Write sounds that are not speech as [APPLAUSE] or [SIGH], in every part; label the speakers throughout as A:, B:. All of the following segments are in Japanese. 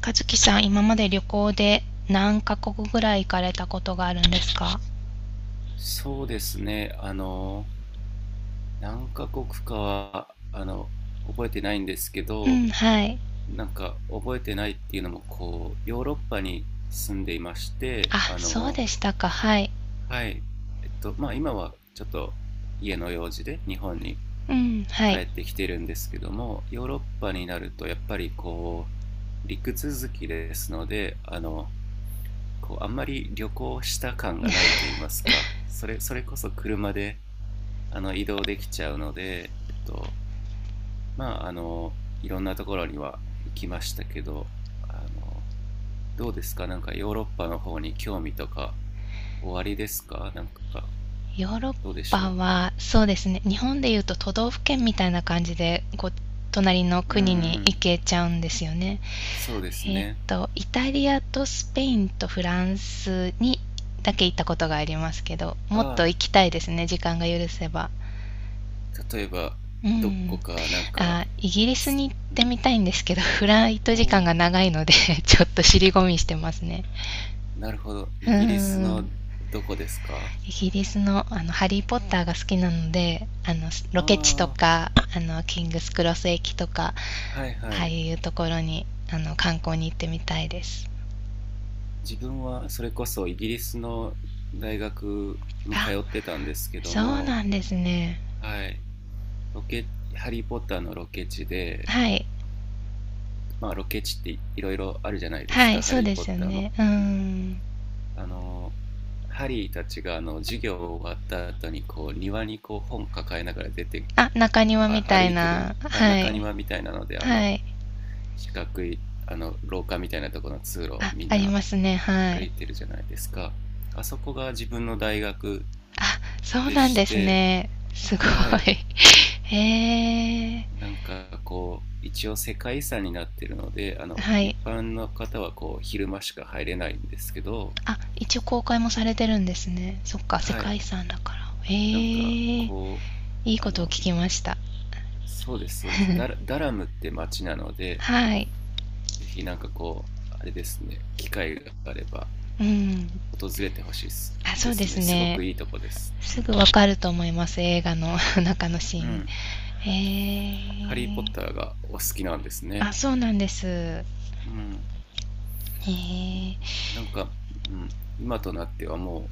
A: 和樹さん、今まで旅行で何カ国ぐらい行かれたことがあるんですか？
B: そうですね。何カ国かは、覚えてないんですけ
A: う
B: ど、
A: ん、はい。
B: なんか覚えてないっていうのも、こう、ヨーロッパに住んでいまして、
A: あ、そうでしたか。はい。
B: はい。まあ今はちょっと家の用事で日本に
A: うん、は
B: 帰
A: い。
B: ってきてるんですけども、ヨーロッパになるとやっぱりこう、陸続きですので、こう、あんまり旅行した感がないと言いま
A: [LAUGHS]
B: すか、それこそ車で、移動できちゃうので、まあ、いろんなところには行きましたけど、あの、どうですか？なんかヨーロッパの方に興味とか、おありですか？なんか、
A: ヨーロッ
B: どうでし
A: パ
B: ょ
A: は、そうですね。日本でいうと都道府県みたいな感じで、こう、隣の
B: う？うん
A: 国
B: う
A: に行
B: ん。
A: けちゃうんですよね。
B: そうですね。
A: イタリアとスペインとフランスにだけ行ったことがありますけど、もっと
B: ああ、
A: 行きたいですね。時間が許せば。
B: 例えば、
A: う
B: ど
A: ん。
B: こか、なんか、
A: あ、イギリス
B: つ
A: に行っ
B: う
A: て
B: ん。
A: みたいんですけど、[LAUGHS] フライト時間
B: おー、
A: が長いので [LAUGHS] ちょっと尻込みしてますね。
B: なるほど。
A: う
B: イギリス
A: ー
B: の
A: ん。
B: どこですか？
A: イギリスの、ハリー・ポッターが好きなので、ロケ地と
B: ああ、
A: か、キングスクロス駅とか、
B: はいは
A: ああ
B: い。
A: いうところに、観光に行ってみたいです。
B: 自分はそれこそイギリスの大学に通
A: あ、
B: ってたんですけど
A: そう
B: も、
A: なんですね。
B: はい、ロケ、ハリー・ポッターのロケ地で、
A: はい。
B: まあロケ地っていろいろあるじゃないです
A: はい、
B: か、ハ
A: そう
B: リー・
A: で
B: ポッ
A: すよ
B: ターも。
A: ね。うー
B: うん、
A: ん。
B: あの、ハリーたちが授業終わった後にこう庭にこう本抱えながら出て
A: あ、中庭みた
B: 歩
A: い
B: いてる
A: な。は
B: 中
A: い。
B: 庭みたいなので
A: はい。
B: 四角い廊下みたいなところの通路を
A: あ、
B: みん
A: あり
B: な
A: ますね。は
B: 歩
A: い。
B: いてるじゃないですか。あそこが自分の大学
A: あ、そう
B: で
A: なん
B: し
A: です
B: て、
A: ね。すごい。
B: はい、
A: [LAUGHS] へえ。
B: なんかこう、一応世界遺産になってるので、
A: は
B: 一
A: い。
B: 般の方はこう、昼間しか入れないんですけど、
A: あ、一応公開もされてるんですね。そっか、世
B: は
A: 界
B: い、
A: 遺産だから。へえ。
B: なんか
A: い
B: こう、
A: い
B: あ
A: ことを
B: の、
A: 聞きました。
B: そうです、そうです。ダラムって町なので、
A: はい。
B: ぜひなんかこう、あれですね、機会があれば
A: うん。
B: 訪れてほしいです
A: あ、そ
B: で
A: うで
B: す
A: す
B: ね。すご
A: ね。
B: くいいとこです。う
A: す
B: ん。
A: ぐわかると思います、映画の [LAUGHS] 中のシ
B: う
A: ーン。
B: ん。ハリー・ポッ
A: へえ。
B: ターがお好きなんですね。
A: あ、そうなんです。へ
B: うん。
A: え。
B: なんか、うん。今となっては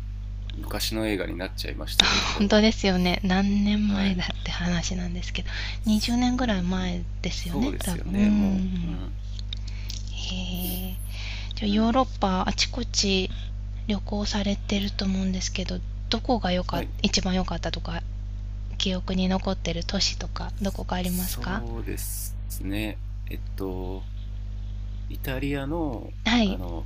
B: 昔の映画になっちゃいましたけ
A: 本当
B: ど、
A: ですよね。何年
B: は
A: 前
B: い。
A: だって話なんですけど、20年
B: う
A: ぐらい
B: ん、
A: 前ですよ
B: そう
A: ね、
B: で
A: 多
B: すよ
A: 分。う
B: ね、もう。う
A: ん。
B: ん、
A: へえ。じゃあ
B: う
A: ヨーロ
B: ん。
A: ッパあちこち旅行されてると思うんですけど、どこがよか
B: は
A: っ
B: い。
A: 一番良かったとか、記憶に残ってる都市とか、どこかありますか？
B: そうですね。えっと、イタリアの、
A: は
B: あ
A: い。
B: の、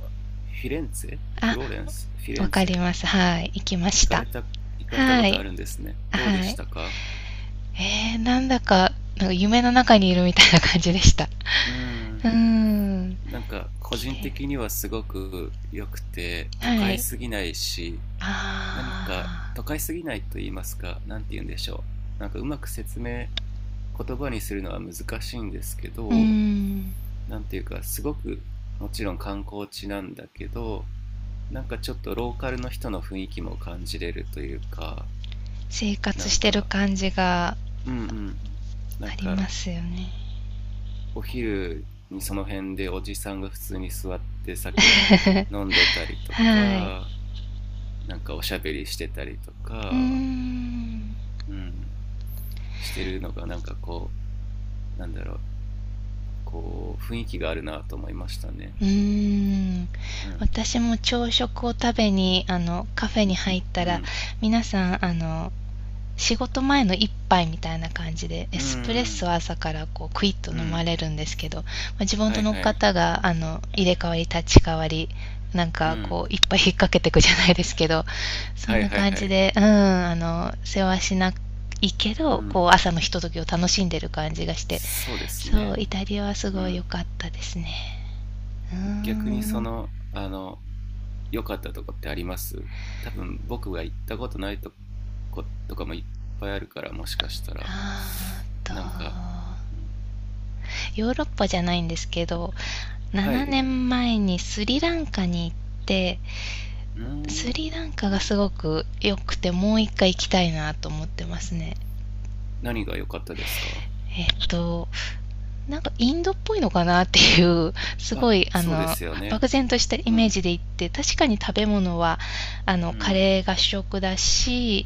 A: あ、
B: フィレ
A: わ
B: ン
A: か
B: ツ
A: りま
B: ェ
A: す。はい。行きま
B: 行
A: し
B: かれ
A: た。
B: た、行かれたこ
A: は
B: と
A: い。
B: あるんですね。どうで
A: は
B: し
A: い。
B: たか？
A: えー、なんだか、なんか夢の中にいるみたいな感じでした。
B: う
A: う
B: ん。
A: ーん。
B: なんか、個
A: 綺
B: 人
A: 麗。
B: 的にはすごく良くて、都
A: は
B: 会
A: い。
B: すぎないし、何か
A: ああ、
B: 都会すぎないと言いますか、何て言うんでしょう、なんかうまく説明、言葉にするのは難しいんですけ
A: うー
B: ど、
A: ん、
B: 何ていうかすごく、もちろん観光地なんだけど、なんかちょっとローカルの人の雰囲気も感じれるというか、
A: 生活
B: な
A: し
B: ん
A: てる
B: か、
A: 感じが
B: うんうん、なん
A: ありま
B: か
A: すよね。
B: お昼にその辺でおじさんが普通に座って酒
A: [LAUGHS]
B: 飲んでたりと
A: はい。
B: か、なんかおしゃべりしてたりと
A: うー
B: か、
A: ん。
B: うん、してるのがなんかこう、なんだろう、こう、雰囲気があるなと思いましたね。
A: うーん。
B: うん。
A: 私も朝食を食べに、カフェに入った
B: う
A: ら、
B: ん。
A: 皆さん、仕事前の一杯みたいな感じでエ
B: う
A: スプレッソ
B: ん。
A: を朝からこうクイッと
B: う
A: 飲ま
B: ん。
A: れるんですけど、まあ、自分
B: は
A: と
B: い
A: の
B: はい。
A: 方が入れ替わり立ち替わりなん
B: う
A: か
B: ん。
A: こういっぱい引っ掛けていくじゃないですけど、そ
B: は
A: ん
B: い
A: な
B: はい
A: 感
B: は
A: じ
B: い。
A: で、うん、世話しないけ
B: う
A: どこ
B: ん。
A: う朝のひとときを楽しんでる感じがして、
B: そうです
A: そう、
B: ね。
A: イタリアはす
B: う
A: ごい
B: ん。
A: 良かったですね。うー
B: 逆にそ
A: ん。
B: の、良かったとこってあります？多分僕が行ったことないとことかもいっぱいあるから、もしかしたら。
A: あー
B: なんか、
A: と
B: うん、
A: ヨーロッパじゃないんですけど、
B: は
A: 7
B: い。
A: 年前にスリランカに行って、
B: うー
A: ス
B: ん。
A: リランカ
B: う
A: が
B: ん。
A: すごく良くて、もう一回行きたいなと思ってますね。
B: 何が良かったですか？
A: えっと、なんかインドっぽいのかなっていう、すご
B: あ、
A: い、
B: そうですよね。
A: 漠然としたイ
B: う
A: メー
B: ん。
A: ジで行って、確かに食べ物は、
B: う
A: カ
B: ん。
A: レーが主食だし、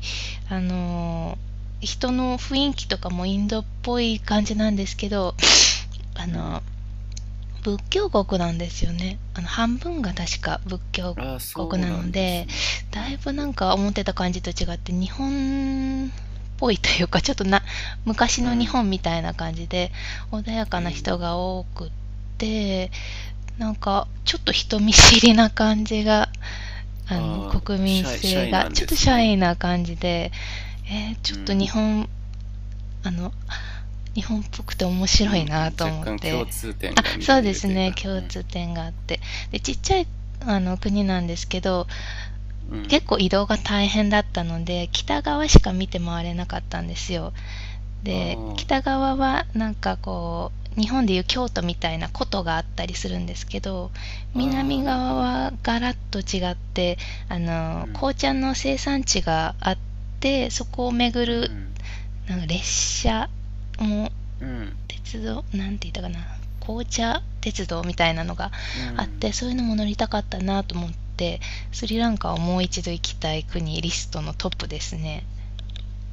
A: あの、人の雰囲気とかもインドっぽい感じなんですけど、あ
B: うん。
A: の、仏教国なんですよね。半分が確か仏教
B: ああ、
A: 国
B: そう
A: な
B: な
A: の
B: んで
A: で、
B: すね。う
A: だい
B: ん。
A: ぶなんか思ってた感じと違って、日本っぽいというか、ちょっとな、昔
B: う
A: の日
B: ん。
A: 本みたいな感じで、穏や
B: え
A: かな人
B: ー、
A: が多くって、なんか、ちょっと人見知りな感じが、
B: ああ、
A: 国民
B: シャイ、シ
A: 性
B: ャイ
A: が、
B: なん
A: ちょっ
B: で
A: と
B: す
A: シャイ
B: ね。
A: な感じで、えーち
B: う
A: ょっと
B: ん。
A: 日本、あの、日本っぽくて面
B: う
A: 白いな
B: ん。
A: と
B: 若
A: 思っ
B: 干
A: て。
B: 共通点
A: あ、
B: が見
A: そ
B: ら
A: う
B: れ
A: で
B: る
A: す
B: という
A: ね、
B: か。う
A: 共
B: ん。
A: 通点があって。で、ちっちゃい、国なんですけど、
B: う
A: 結
B: ん。
A: 構移動が大変だったので、北側しか見て回れなかったんですよ。
B: あ
A: で、北側はなんかこう、日本でいう京都みたいな古都があったりするんですけど、
B: あ、あ
A: 南
B: あ、なるほ
A: 側
B: ど。
A: はガラッと違って、
B: うん。
A: 紅茶の生産地があって、そこを巡
B: う
A: る
B: ん。
A: なんか列車も、
B: うん。
A: 鉄道なんて言ったかな、紅茶鉄道みたいなのが
B: う
A: あって、
B: ん。
A: そういうのも乗りたかったなと思って、スリランカをもう一度行きたい国リストのトップですね。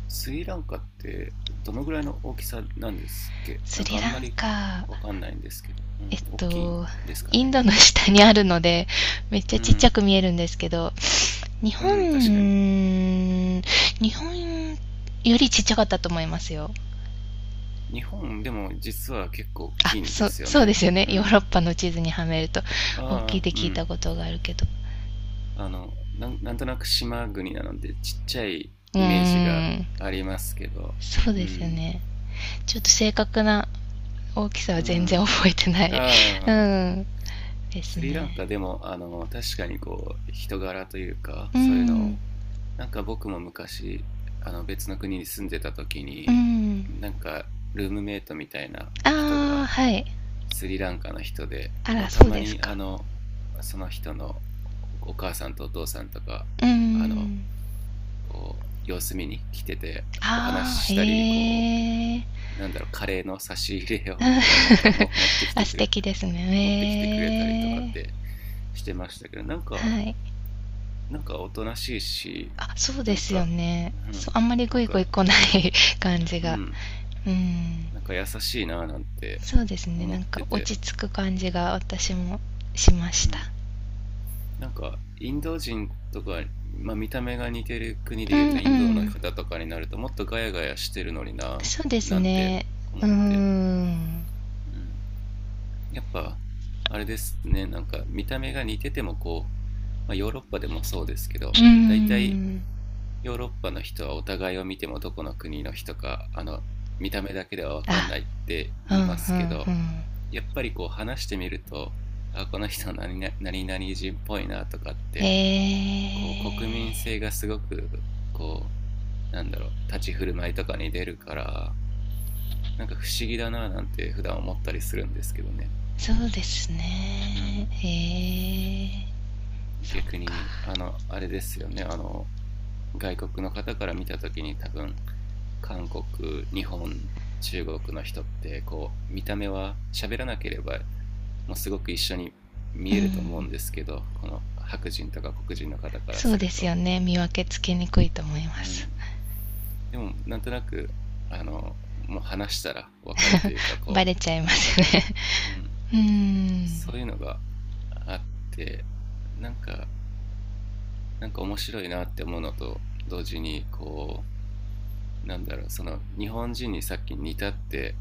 B: スリランカってどのぐらいの大きさなんですっけ？
A: ス
B: なんか
A: リ
B: あん
A: ラ
B: ま
A: ン
B: り
A: カ、
B: わかんないんですけど。う
A: え
B: ん。
A: っ
B: 大きいん
A: と
B: ですか
A: イン
B: ね。
A: ドの下にあるのでめっちゃ
B: う
A: ちっちゃ
B: ん。
A: く見えるんですけど、日
B: う
A: 本
B: ん、確かに。
A: 日本よりちっちゃかったと思いますよ。
B: 日本でも実は結構大き
A: あ、
B: いんで
A: そ、
B: すよ
A: そうで
B: ね。
A: すよね、
B: う
A: ヨー
B: ん。
A: ロッパの地図にはめると大きいっ
B: ああ、
A: て
B: う
A: 聞いた
B: ん。
A: ことがあるけど、
B: あの、なんとなく島国なのでちっちゃい
A: うー
B: イメージが
A: ん、
B: ありますけど、
A: そう
B: う
A: ですよ
B: ん、
A: ね。ちょっと正確な大きさは
B: う
A: 全然
B: ん。
A: 覚えてない [LAUGHS] う
B: ああ、
A: ん。です
B: スリラン
A: ね。
B: カでも、確かにこう、人柄というか、
A: う
B: そういうの
A: ん。
B: を、なんか僕も昔、別の国に住んでた時
A: う
B: に、
A: ん。
B: なんか、ルームメイトみたいな人
A: ああ、
B: が、
A: はい。
B: スリランカの人で、
A: あ
B: も
A: ら、
B: うた
A: そう
B: ま
A: です
B: に、
A: か。
B: その人のお母さんとお父さんとか、
A: う
B: あの、
A: ん。
B: こう様子見に来てて、お話し
A: ああ、
B: し
A: へ
B: たり、こ
A: え。うん。
B: う、なんだろう、カレーの差し入れ
A: [LAUGHS]
B: を [LAUGHS] なんかも持ってき
A: あ、
B: て
A: 素
B: くれ
A: 敵です
B: 持ってきてくれたりとか
A: ね。へ
B: って
A: え。
B: してましたけど、なんか、
A: はい。
B: なんかおとなしいし、
A: あ、そう
B: な
A: で
B: ん
A: すよ
B: か、
A: ね。
B: う
A: そう、
B: ん、
A: あんまり
B: な
A: グ
B: ん
A: イグイ
B: か、
A: 来ない [LAUGHS] 感じ
B: う
A: が。
B: ん、
A: うん。
B: なんか優しいななんて
A: そうですね。
B: 思
A: な
B: っ
A: ん
B: て
A: か落
B: て、
A: ち着く感じが私もしま
B: う
A: した。
B: ん、なんかインド人とか、まあ、見た目が似てる国で
A: う
B: いう
A: ん
B: とイ
A: う
B: ンドの
A: ん。
B: 方とかになるともっとガヤガヤしてるのにな、
A: そうです
B: なんて
A: ね。う
B: 思
A: ー
B: って、
A: ん。う
B: うん、やっぱ、あれですね、なんか見た目が似ててもこう、まあ、ヨーロッパでもそうですけど、
A: ー
B: 大体
A: ん。
B: ヨーロッパの人はお互いを見てもどこの国の人か、見た目だけでは分かん
A: あ、
B: ないって
A: うん
B: 言
A: う
B: い
A: んう
B: ますけ
A: ん。
B: ど、やっぱりこう話してみると、あ、この人何々何々人っぽいなとかっ
A: え
B: て、こう国民性がすごく、こう、なんだろう、立ち振る舞いとかに出るから、なんか不思議だななんて普段思ったりするんですけどね。
A: ー、そうです
B: う
A: ね。
B: ん。
A: えー、そっ
B: 逆
A: か。
B: にあれですよね、外国の方から見た時に多分、韓国、日本、中国の人ってこう見た目は、喋らなければもうすごく一緒に
A: う
B: 見えると思う
A: ん。
B: んですけど、この白人とか黒人の方から
A: そう
B: す
A: で
B: る
A: す
B: と、
A: よね、見分けつけにくいと思い
B: う
A: ます。
B: ん、でもなんとなく、もう話したら分かるというか、
A: [LAUGHS] バ
B: こ
A: レちゃいま
B: う、うん
A: すね。
B: うん、
A: うーん。
B: そういうのがあって、なんか、なんか面白いなって思うのと同時に、なんだろう、その日本人にさっき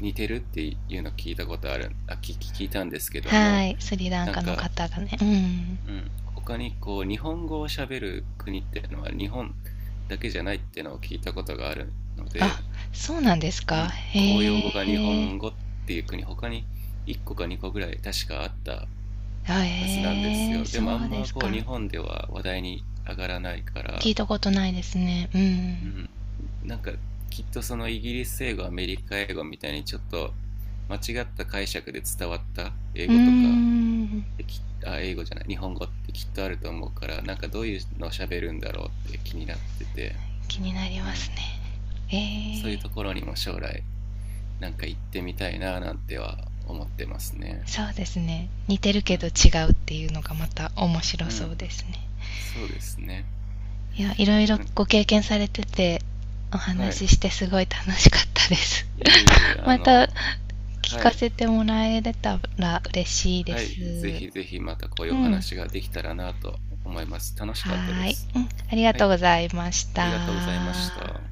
B: 似てるっていうの聞いたことある、聞いたんですけど
A: は
B: も、
A: い、スリラン
B: なん
A: カの
B: か、
A: 方がね、うん。
B: うん、他にこう、日本語を喋る国っていうのは日本だけじゃないっていうのを聞いたことがあるの
A: あ、
B: で、
A: そうなんです
B: う
A: か。
B: ん、公
A: へ
B: 用語が日
A: え。
B: 本語っていう国、他に1個か2個ぐらい確かあった
A: あ、
B: はずなんです
A: えー
B: よ。でもあ
A: そう
B: ん
A: で
B: ま
A: す
B: こう、
A: か。
B: 日本では話題に上がらないか
A: 聞
B: ら、
A: いたことないですね。うんう
B: う
A: ん
B: ん、なんかきっとその、イギリス英語、アメリカ英語みたいにちょっと間違った解釈で伝わった英語とか
A: ーん、
B: って、英語じゃない日本語ってきっとあると思うから、なんかどういうのを喋るんだろうって気になってて、
A: 気になり
B: う
A: ます
B: ん、
A: ね。
B: そういう
A: え
B: と
A: ー、
B: ころにも将来なんか行ってみたいななんては思ってますね。
A: そうですね。似てる
B: う
A: けど違
B: ん、
A: うっていうのがまた面白
B: う
A: そう
B: ん、
A: ですね。
B: そうですね。
A: いや、いろいろ
B: な
A: ご経験されてて、お
B: は
A: 話
B: い。
A: ししてすごい楽しかったです。
B: いえいえ、
A: [LAUGHS] また聞
B: は
A: か
B: い。
A: せてもらえれたら嬉しいで
B: はい、ぜ
A: す。
B: ひぜひまたこうい
A: う
B: うお
A: ん、は
B: 話ができたらなと思います。楽しかったで
A: ーい。
B: す。
A: うん、ありが
B: は
A: とう
B: い、
A: ございまし
B: ありがとうございまし
A: た。
B: た。